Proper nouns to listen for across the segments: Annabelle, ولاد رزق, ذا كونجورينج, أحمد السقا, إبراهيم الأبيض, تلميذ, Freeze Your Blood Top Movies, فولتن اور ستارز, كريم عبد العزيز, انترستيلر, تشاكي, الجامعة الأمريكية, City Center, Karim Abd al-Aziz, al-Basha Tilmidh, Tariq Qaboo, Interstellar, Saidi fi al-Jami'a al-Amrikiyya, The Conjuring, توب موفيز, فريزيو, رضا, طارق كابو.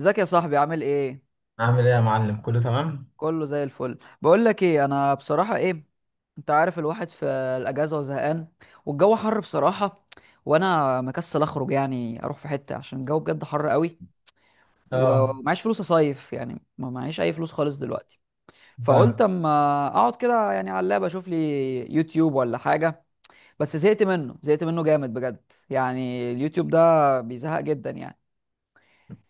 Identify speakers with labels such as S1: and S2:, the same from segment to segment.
S1: ازيك يا صاحبي، عامل ايه؟
S2: عامل ايه يا معلم؟ كله تمام.
S1: كله زي الفل. بقول لك ايه، انا بصراحه ايه، انت عارف الواحد في الاجازه وزهقان، والجو حر بصراحه، وانا مكسل اخرج، يعني اروح في حته عشان الجو بجد حر قوي،
S2: اه.
S1: ومعيش فلوس اصيف، يعني ما معيش اي فلوس خالص دلوقتي. فقلت
S2: فاهم.
S1: اما اقعد كده يعني على اللاب اشوف لي يوتيوب ولا حاجه. بس زهقت منه زهقت منه جامد بجد، يعني اليوتيوب ده بيزهق جدا يعني.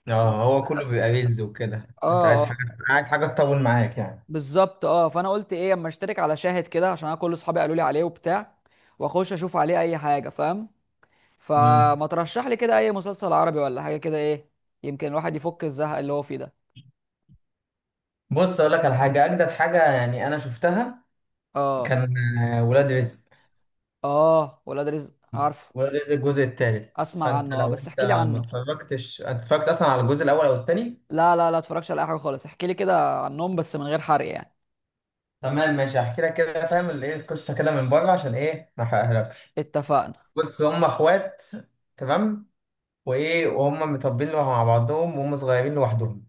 S2: اه، هو كله
S1: فدخلت.
S2: بيبقى ريلز وكده. انت
S1: اه
S2: عايز
S1: اه،
S2: حاجه؟ عايز حاجه تطول معاك يعني.
S1: بالظبط اه. فانا قلت ايه، اما اشترك على شاهد كده عشان انا كل اصحابي قالوا لي عليه وبتاع، واخش اشوف عليه اي حاجه، فاهم؟
S2: امم.
S1: فما ترشح لي كده اي مسلسل عربي ولا حاجه كده، ايه يمكن الواحد يفك الزهق اللي هو فيه ده.
S2: بص اقول لك على حاجه، اجدد حاجه يعني انا شفتها،
S1: اه
S2: كان ولاد رزق.
S1: اه، ولاد رزق، عارفه.
S2: ولاد رزق الجزء الثالث.
S1: اسمع
S2: فانت
S1: عنه، اه
S2: لو
S1: بس
S2: انت
S1: احكي لي
S2: ما
S1: عنه.
S2: اتفرجتش، انت اتفرجت اصلا على الجزء الاول او الثاني؟
S1: لا لا لا، اتفرجش على اي حاجه خالص، احكي لي كده عنهم بس من غير حرق يعني.
S2: تمام ماشي، هحكي لك كده فاهم ايه القصه كده من بره عشان ايه ما احرقهالكش.
S1: اتفقنا.
S2: بص، هم اخوات. تمام. وايه وهم متربيين مع بعضهم وهم صغيرين لوحدهم.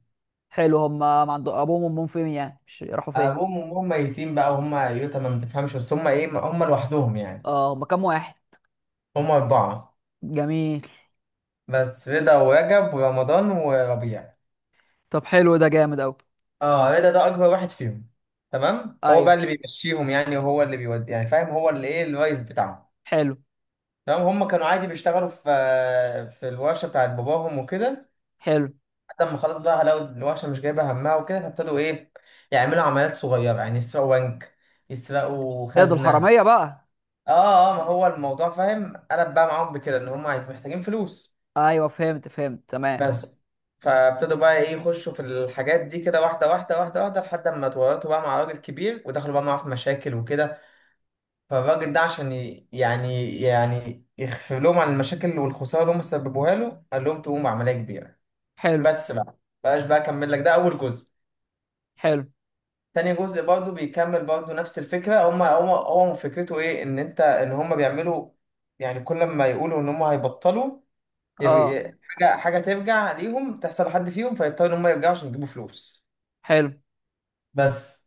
S1: حلو، هم ما عندهم ابوهم وامهم؟ فين يعني؟ مش راحوا فين.
S2: ابوهم وامهم ميتين بقى وهم يتامى ما تفهمش، بس هم هم لوحدهم يعني.
S1: اه، هم كام واحد؟
S2: هم اربعه.
S1: جميل.
S2: بس رضا ورجب ورمضان وربيع.
S1: طب حلو، ده جامد اوي.
S2: اه، رضا ده اكبر واحد فيهم. تمام، هو بقى
S1: ايوه
S2: اللي بيمشيهم يعني، وهو اللي بيودي يعني فاهم، هو اللي الرئيس بتاعهم.
S1: حلو
S2: تمام، هم كانوا عادي بيشتغلوا في الورشه بتاعت باباهم وكده،
S1: حلو.
S2: لحد ما خلاص بقى لقوا الورشه مش جايبه همها وكده، فابتدوا يعملوا عمليات صغيره، يعني يسرقوا بنك، يسرقوا
S1: ايه ده،
S2: خزنه.
S1: الحراميه بقى؟
S2: اه اه، ما هو الموضوع فاهم قلب بقى معاهم بكده ان هم عايز محتاجين فلوس.
S1: ايوه فهمت فهمت، تمام.
S2: بس. فابتدوا بقى يخشوا في الحاجات دي كده واحده واحده واحده واحده، لحد ما اتورطوا بقى مع راجل كبير ودخلوا بقى معاه في مشاكل وكده. فالراجل ده عشان يعني يخفي لهم عن المشاكل والخساره اللي هم سببوها له، قال لهم تقوموا بعمليه كبيره.
S1: حلو.
S2: بس بقى، بقاش بقى اكمل لك، ده اول جزء.
S1: حلو
S2: تاني جزء برضه بيكمل برضه نفس الفكره. هم هو فكرته ايه، ان هم بيعملوا يعني كل ما يقولوا ان هم هيبطلوا، يبقى-
S1: اه.
S2: يبقى- حاجة حاجة ترجع ليهم تحصل لحد فيهم فيضطروا إن هم يرجعوا عشان يجيبوا فلوس.
S1: حلو
S2: بس.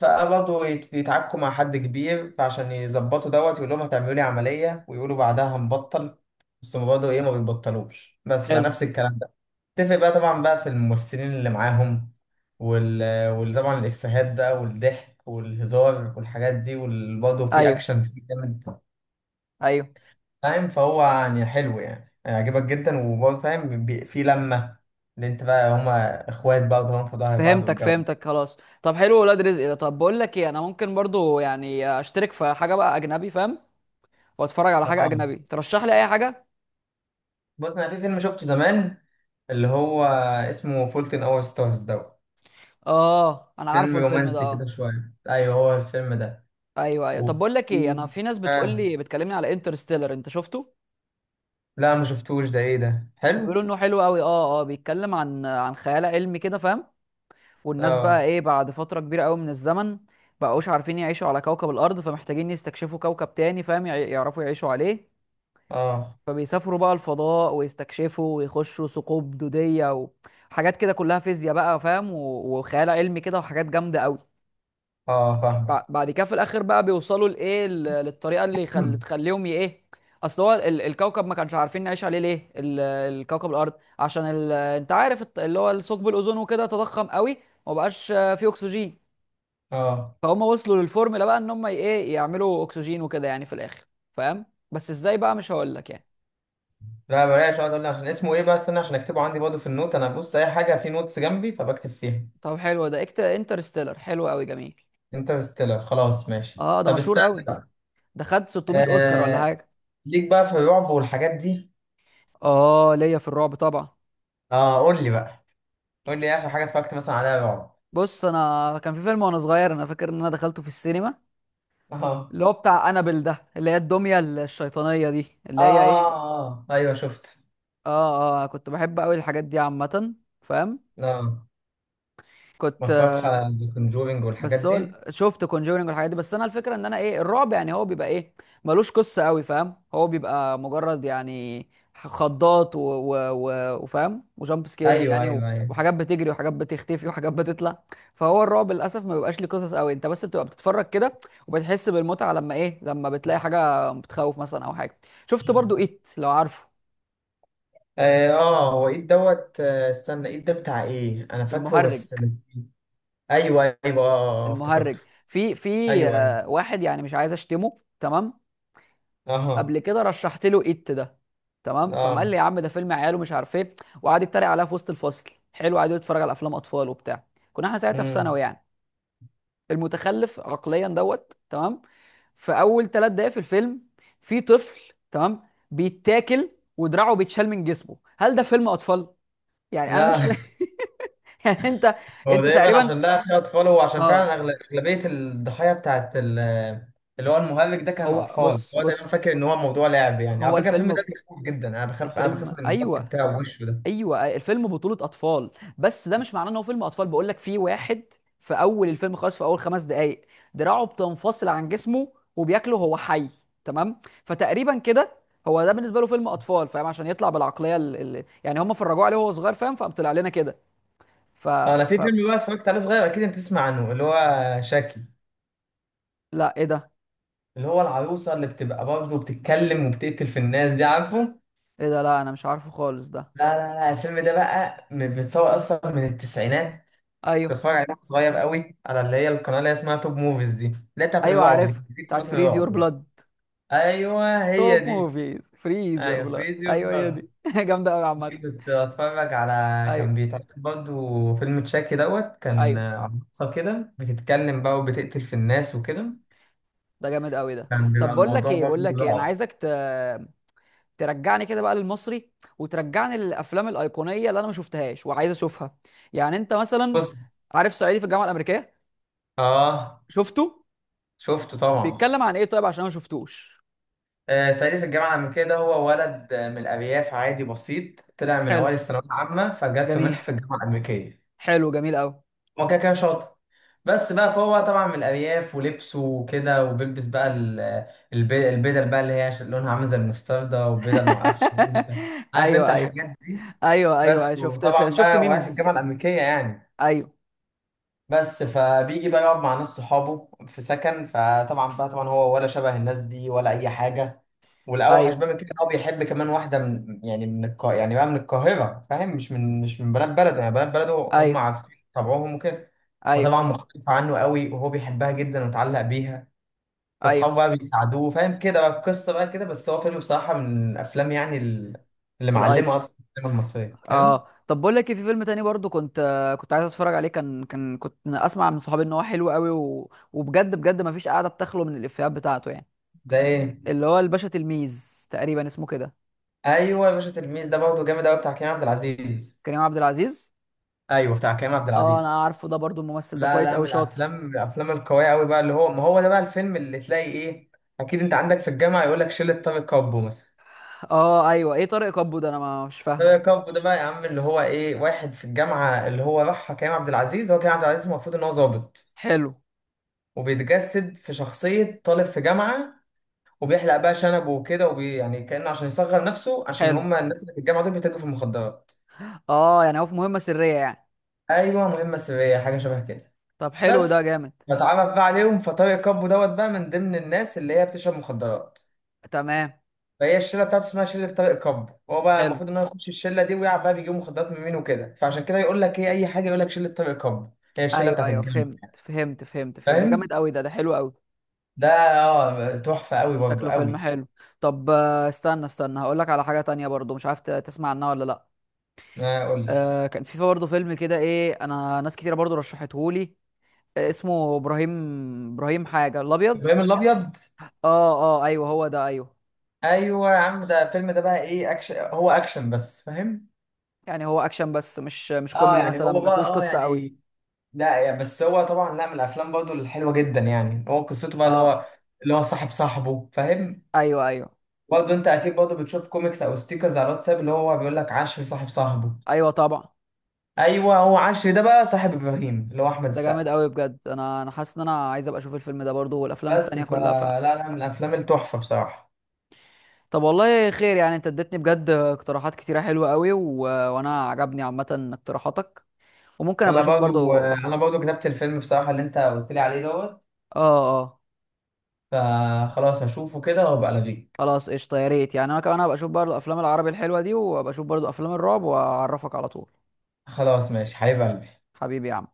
S2: فبرضه يتعاركوا مع حد كبير، فعشان يظبطوا دوت يقول لهم هتعملوا لي عملية ويقولوا بعدها هنبطل، بس هم برضه ما بيبطلوش. بس بقى
S1: حلو.
S2: نفس الكلام ده، تفرق بقى طبعا بقى في الممثلين اللي معاهم وال وطبعا الإفيهات بقى والضحك والهزار والحاجات دي، وبرضه في
S1: ايوه
S2: أكشن فيه جامد
S1: ايوه،
S2: فاهم. فهو يعني حلو، يعني هيعجبك جدا، وبرضه فاهم في لمة، اللي انت بقى هما اخوات بقى، وطبعا في ظهر بعض
S1: فهمتك
S2: والجو ده.
S1: فهمتك، خلاص. طب حلو، ولاد رزق ده. طب بقول لك ايه، انا ممكن برضو يعني اشترك في حاجه بقى اجنبي، فاهم؟ واتفرج على حاجه
S2: اه،
S1: اجنبي. ترشح لي اي حاجه.
S2: بص انا في فيلم شفته زمان اللي هو اسمه فولتن اور ستارز دوت.
S1: اه، انا
S2: فيلم
S1: عارفه الفيلم ده،
S2: رومانسي كده
S1: اه.
S2: شوية. ايوه هو الفيلم ده.
S1: ايوه ايوه.
S2: و...
S1: طب بقول لك ايه، انا في ناس بتقول
S2: آه.
S1: لي بتكلمني على انترستيلر، انت شفته؟
S2: لا ما شفتوش ده، ايه ده حلو؟
S1: بيقولوا انه حلو قوي. اه اه، بيتكلم عن خيال علمي كده، فاهم؟ والناس بقى
S2: اه
S1: ايه بعد فترة كبيرة قوي من الزمن بقوش عارفين يعيشوا على كوكب الأرض، فمحتاجين يستكشفوا كوكب تاني، فاهم؟ يعرفوا يعيشوا عليه.
S2: اه
S1: فبيسافروا بقى الفضاء ويستكشفوا ويخشوا ثقوب دودية وحاجات كده كلها فيزياء بقى، فاهم؟ وخيال علمي كده وحاجات جامدة قوي.
S2: اه. فاهمك.
S1: بعد كده في الآخر بقى بيوصلوا لإيه، للطريقة اللي تخليهم ي- ايه اصل هو الكوكب ما كانش عارفين نعيش عليه ليه، الكوكب الارض، عشان انت عارف اللي هو ثقب الاوزون وكده تضخم قوي ومبقاش فيه اكسجين.
S2: اه.
S1: فهم وصلوا للفورمولا بقى ان هم ايه يعملوا اكسجين وكده يعني في الاخر، فاهم؟ بس ازاي بقى مش هقول لك يعني.
S2: لا بلاش، اقعد اقول لي عشان اسمه ايه بقى، استنى عشان اكتبه عندي برضه في النوت، انا ببص اي حاجة في نوتس جنبي فبكتب فيها.
S1: طب حلو ده، اكت انترستيلر حلو قوي، جميل.
S2: انترستيلر خلاص ماشي،
S1: اه ده
S2: طب
S1: مشهور
S2: استنى
S1: قوي،
S2: بقى.
S1: ده خد 600 اوسكار ولا
S2: آه.
S1: حاجه.
S2: ليك بقى في الرعب والحاجات دي.
S1: اه، ليا في الرعب طبعا.
S2: اه قول لي بقى، قول لي ايه اخر حاجه اتفرجت مثلا عليها رعب.
S1: بص، انا كان في فيلم وانا صغير، انا فاكر ان انا دخلته في السينما،
S2: اه اه.
S1: اللي هو بتاع انابل ده، اللي هي الدميه الشيطانيه دي،
S2: اه
S1: اللي هي
S2: اه
S1: ايه.
S2: آه، ايوه شفت.
S1: اه اه، كنت بحب قوي الحاجات دي عامه، فاهم؟
S2: اه، ما
S1: كنت.
S2: اتفرجتش على ذا كونجورينج والحاجات
S1: بس هو
S2: دي.
S1: شفت كونجورينج والحاجات دي، بس انا الفكره ان انا ايه، الرعب يعني هو بيبقى ايه، ملوش قصه قوي، فاهم؟ هو بيبقى مجرد يعني خضات و... و... و... وفاهم، وجامب سكيرز
S2: ايوه
S1: يعني،
S2: ايوه ايوه.
S1: وحاجات بتجري وحاجات بتختفي وحاجات بتطلع. فهو الرعب للاسف ما بيبقاش ليه قصص قوي، انت بس بتبقى بتتفرج كده وبتحس بالمتعه لما ايه، لما بتلاقي حاجه بتخوف مثلا او حاجه. شفت برضو ايت؟ لو عارفه
S2: اه، آه، هو ايه دوت، استنى، ايه ده بتاع ايه، انا فاكره
S1: المهرج،
S2: بس. ايوه ايوه اه
S1: المهرج
S2: افتكرته.
S1: في في
S2: ايوه ايوه.
S1: آه، واحد، يعني مش عايز اشتمه، تمام.
S2: اه
S1: قبل كده رشحت له ايت ده، تمام، فقام قال
S2: اه.
S1: لي يا عم ده فيلم عيال ومش عارف ايه، وقعد يتريق عليها في وسط الفصل. حلو، قعد يتفرج على افلام اطفال وبتاع. كنا احنا ساعتها في ثانوي
S2: امم.
S1: يعني، المتخلف عقليا دوت. تمام، في اول ثلاث دقايق في الفيلم في طفل، تمام، بيتاكل ودراعه بيتشال من جسمه. هل ده فيلم اطفال؟ يعني انا مش
S2: لا
S1: فاهم يعني انت،
S2: هو
S1: انت
S2: دايما
S1: تقريبا،
S2: عشان لا فيها اطفال، وعشان فعلا
S1: اه.
S2: اغلبيه الضحايا بتاعت اللي هو المهلك ده كان
S1: هو
S2: اطفال،
S1: بص
S2: هو دايما
S1: بص،
S2: فاكر ان هو موضوع لعب يعني. على
S1: هو
S2: فكره الفيلم ده بيخوف جدا، انا بخاف
S1: الفيلم
S2: من الماسك
S1: ايوه
S2: بتاعه وشه ده.
S1: ايوه الفيلم بطولة اطفال، بس ده مش معناه ان هو فيلم اطفال. بقول لك، في واحد في اول الفيلم خالص، في اول خمس دقائق، دراعه بتنفصل عن جسمه وبياكله هو حي، تمام. فتقريبا كده، هو ده بالنسبه له فيلم اطفال، فاهم؟ عشان يطلع بالعقليه يعني هم فرجوه عليه وهو صغير، فاهم؟ فقام طلع لنا كده. ف...
S2: انا في
S1: ف
S2: فيلم بقى اتفرجت عليه صغير، اكيد انت تسمع عنه، اللي هو شاكي،
S1: لا ايه ده.
S2: اللي هو العروسه اللي بتبقى برضه بتتكلم وبتقتل في الناس دي، عارفه؟
S1: ايه ده؟ لا انا مش عارفه خالص ده.
S2: لا لا لا، الفيلم ده بقى بيتصور اصلا من التسعينات، كنت
S1: ايوه
S2: بتفرج عليه وأنا صغير قوي على اللي هي القناه اللي هي اسمها توب موفيز دي، اللي هي بتاعت
S1: ايوه،
S2: الرعب، دي
S1: عارف
S2: دي قناه
S1: بتاعت فريز يور
S2: الرعب.
S1: بلاد.
S2: ايوه هي
S1: توب
S2: دي.
S1: موفيز، فريز يور
S2: ايوه
S1: بلاد،
S2: فريزيو في
S1: ايوه هي
S2: دماغك،
S1: دي جامده قوي عامه.
S2: دي كنت اتفرج على،
S1: ايوه
S2: كان بيتعرض برضه فيلم تشاكي دوت، كان
S1: ايوه.
S2: عروسه كده بتتكلم بقى وبتقتل في الناس وكده،
S1: ده جامد قوي ده.
S2: كان بيبقى
S1: طب بقول لك
S2: الموضوع
S1: ايه،
S2: برضه
S1: انا
S2: رعب.
S1: عايزك ترجعني كده بقى للمصري، وترجعني للافلام الايقونيه اللي انا ما شفتهاش وعايز اشوفها. يعني انت مثلا
S2: بص.
S1: عارف صعيدي في الجامعه الامريكيه،
S2: اه
S1: شفته؟
S2: شفته طبعا.
S1: بيتكلم عن ايه طيب، عشان أنا ما شفتوش.
S2: صعيدي في الجامعه الامريكيه ده، هو ولد من الارياف، عادي بسيط، طلع من
S1: حلو،
S2: اوائل الثانويه العامه فجات له منحه
S1: جميل.
S2: في الجامعه الامريكيه.
S1: حلو جميل قوي.
S2: هو كده كده شاطر، بس بقى فهو طبعا من الأرياف، ولبسه وكده وبيلبس بقى البدل بقى اللي هي لونها عامل زي المستردة، وبدل معرفش إيه كده. عارف انت
S1: ايوه ايوه.
S2: الحاجات دي،
S1: ايوه ايوه
S2: بس.
S1: شفت
S2: وطبعا
S1: شفت
S2: بقى رايح الجامعة
S1: ميمز.
S2: الأمريكية يعني،
S1: ايوه
S2: بس. فبيجي بقى يقعد مع ناس صحابه في سكن، فطبعا بقى طبعا هو ولا شبه الناس دي ولا أي حاجة، والأوحش
S1: ايوه
S2: بقى من كده إن هو بيحب كمان واحدة من، يعني من القا يعني بقى من القاهرة فاهم، مش من بنات بلده، يعني بنات بلده هم
S1: ايوه.
S2: عارفين طبعهم وكده،
S1: ايوه
S2: فطبعا مختلفة عنه قوي وهو بيحبها جدا ومتعلق بيها.
S1: ايوه.
S2: فاصحابه بقى بيساعدوه فاهم كده، بقى القصة بقى كده، بس هو فيلم بصراحة من الأفلام يعني اللي معلمة
S1: الايقونه.
S2: أصلا في السينما المصرية فاهم.
S1: اه طب بقول لك إيه، في فيلم تاني برضو كنت عايز اتفرج عليه، كان كان كنت اسمع من صحابي ان هو حلو قوي وبجد بجد ما فيش قاعده بتخلو من الافيهات بتاعته يعني،
S2: ده إيه؟
S1: اللي هو الباشا تلميذ تقريبا اسمه كده.
S2: أيوه، يا باشا تلميذ ده برضه جامد قوي، بتاع كريم عبد العزيز.
S1: كريم عبد العزيز.
S2: أيوه بتاع كريم عبد
S1: اه
S2: العزيز.
S1: انا عارفه ده برضو، الممثل ده
S2: لا
S1: كويس
S2: لا،
S1: قوي،
S2: من
S1: شاطر.
S2: الأفلام من الأفلام القوية قوي بقى، اللي هو، ما هو ده بقى الفيلم اللي تلاقي إيه أكيد أنت عندك في الجامعة يقول لك شلة طارق كابو مثلا.
S1: اه ايوه، ايه طارق كابو ده؟ انا ما مش
S2: طارق
S1: فاهمه.
S2: كابو ده بقى يا عم اللي هو إيه واحد في الجامعة اللي هو راحها كريم عبد العزيز، هو كريم عبد العزيز المفروض إن هو ظابط،
S1: حلو.
S2: وبيتجسد في شخصية طالب في جامعة، وبيحلق بقى شنبه وكده، يعني كأنه عشان يصغر نفسه، عشان
S1: حلو،
S2: هما الناس اللي في الجامعة دول بيتاجروا في المخدرات.
S1: اه يعني هو في مهمه سريه يعني.
S2: أيوه، مهمة سرية حاجة شبه كده،
S1: طب حلو، ده
S2: بس.
S1: جامد.
S2: بتعرف بقى عليهم، فطارق كابو دوت بقى من ضمن الناس اللي هي بتشرب مخدرات،
S1: تمام.
S2: فهي الشلة بتاعته اسمها شلة طارق كابو، هو بقى
S1: حلو.
S2: المفروض إن هو يخش الشلة دي ويعرف بقى بيجيبوا مخدرات من مين وكده، فعشان كده يقول لك إيه أي حاجة يقول لك شلة طارق كابو. هي الشلة
S1: ايوه
S2: بتاعت
S1: ايوه
S2: الجامعة.
S1: فهمت فهمت فهمت فهمت، ده
S2: فاهم؟
S1: جامد قوي ده، ده حلو قوي.
S2: ده اه تحفة أوي برضه
S1: شكله فيلم
S2: أوي.
S1: حلو. طب استنى استنى، هقول لك على حاجه تانية برضو، مش عارف تسمع عنها ولا لا.
S2: قول لي.
S1: آه كان في برضو فيلم كده ايه، انا ناس كتيره برضو رشحته لي، آه اسمه ابراهيم، ابراهيم حاجه الابيض.
S2: إبراهيم الأبيض.
S1: اه اه، ايوه هو ده، ايوه.
S2: ايوه يا عم، ده الفيلم ده بقى اكشن، هو اكشن بس فاهم.
S1: يعني هو اكشن بس، مش مش
S2: اه
S1: كوميدي
S2: يعني
S1: مثلا،
S2: هو
S1: ما
S2: بقى
S1: فيهوش قصه قوي.
S2: يعني، لا يعني بس هو طبعا لا من الافلام برضه الحلوه جدا، يعني هو قصته بقى اللي
S1: اه.
S2: هو، اللي هو صاحب صاحبه فاهم.
S1: ايوه ايوه.
S2: برضه انت اكيد برضه بتشوف كوميكس او ستيكرز على الواتساب، اللي هو بيقول لك عشري صاحب صاحبه.
S1: ايوه طبعا.
S2: ايوه، هو عشري ده بقى صاحب ابراهيم اللي هو احمد
S1: ده جامد
S2: السقا.
S1: قوي بجد، انا انا حاسس ان انا عايز ابقى اشوف الفيلم ده برضو، والافلام
S2: بس،
S1: التانية كلها. ف
S2: فلا لا لا، من الافلام التحفه بصراحه.
S1: طب، والله خير يعني، انت اديتني بجد اقتراحات كتيرة حلوة قوي، وانا عجبني عامة اقتراحاتك، وممكن ابقى
S2: انا
S1: اشوف برضو،
S2: برضه
S1: اه
S2: انا برضه كتبت الفيلم بصراحه اللي انت قلت لي عليه دوت،
S1: اه.
S2: فخلاص هشوفه كده وابقى الغيك.
S1: خلاص قشطه، يا ريت يعني، انا كمان هبقى اشوف برضو افلام العربي الحلوه دي، وابقى اشوف برضو افلام الرعب واعرفك على طول.
S2: خلاص ماشي حبيب قلبي.
S1: حبيبي يا عم.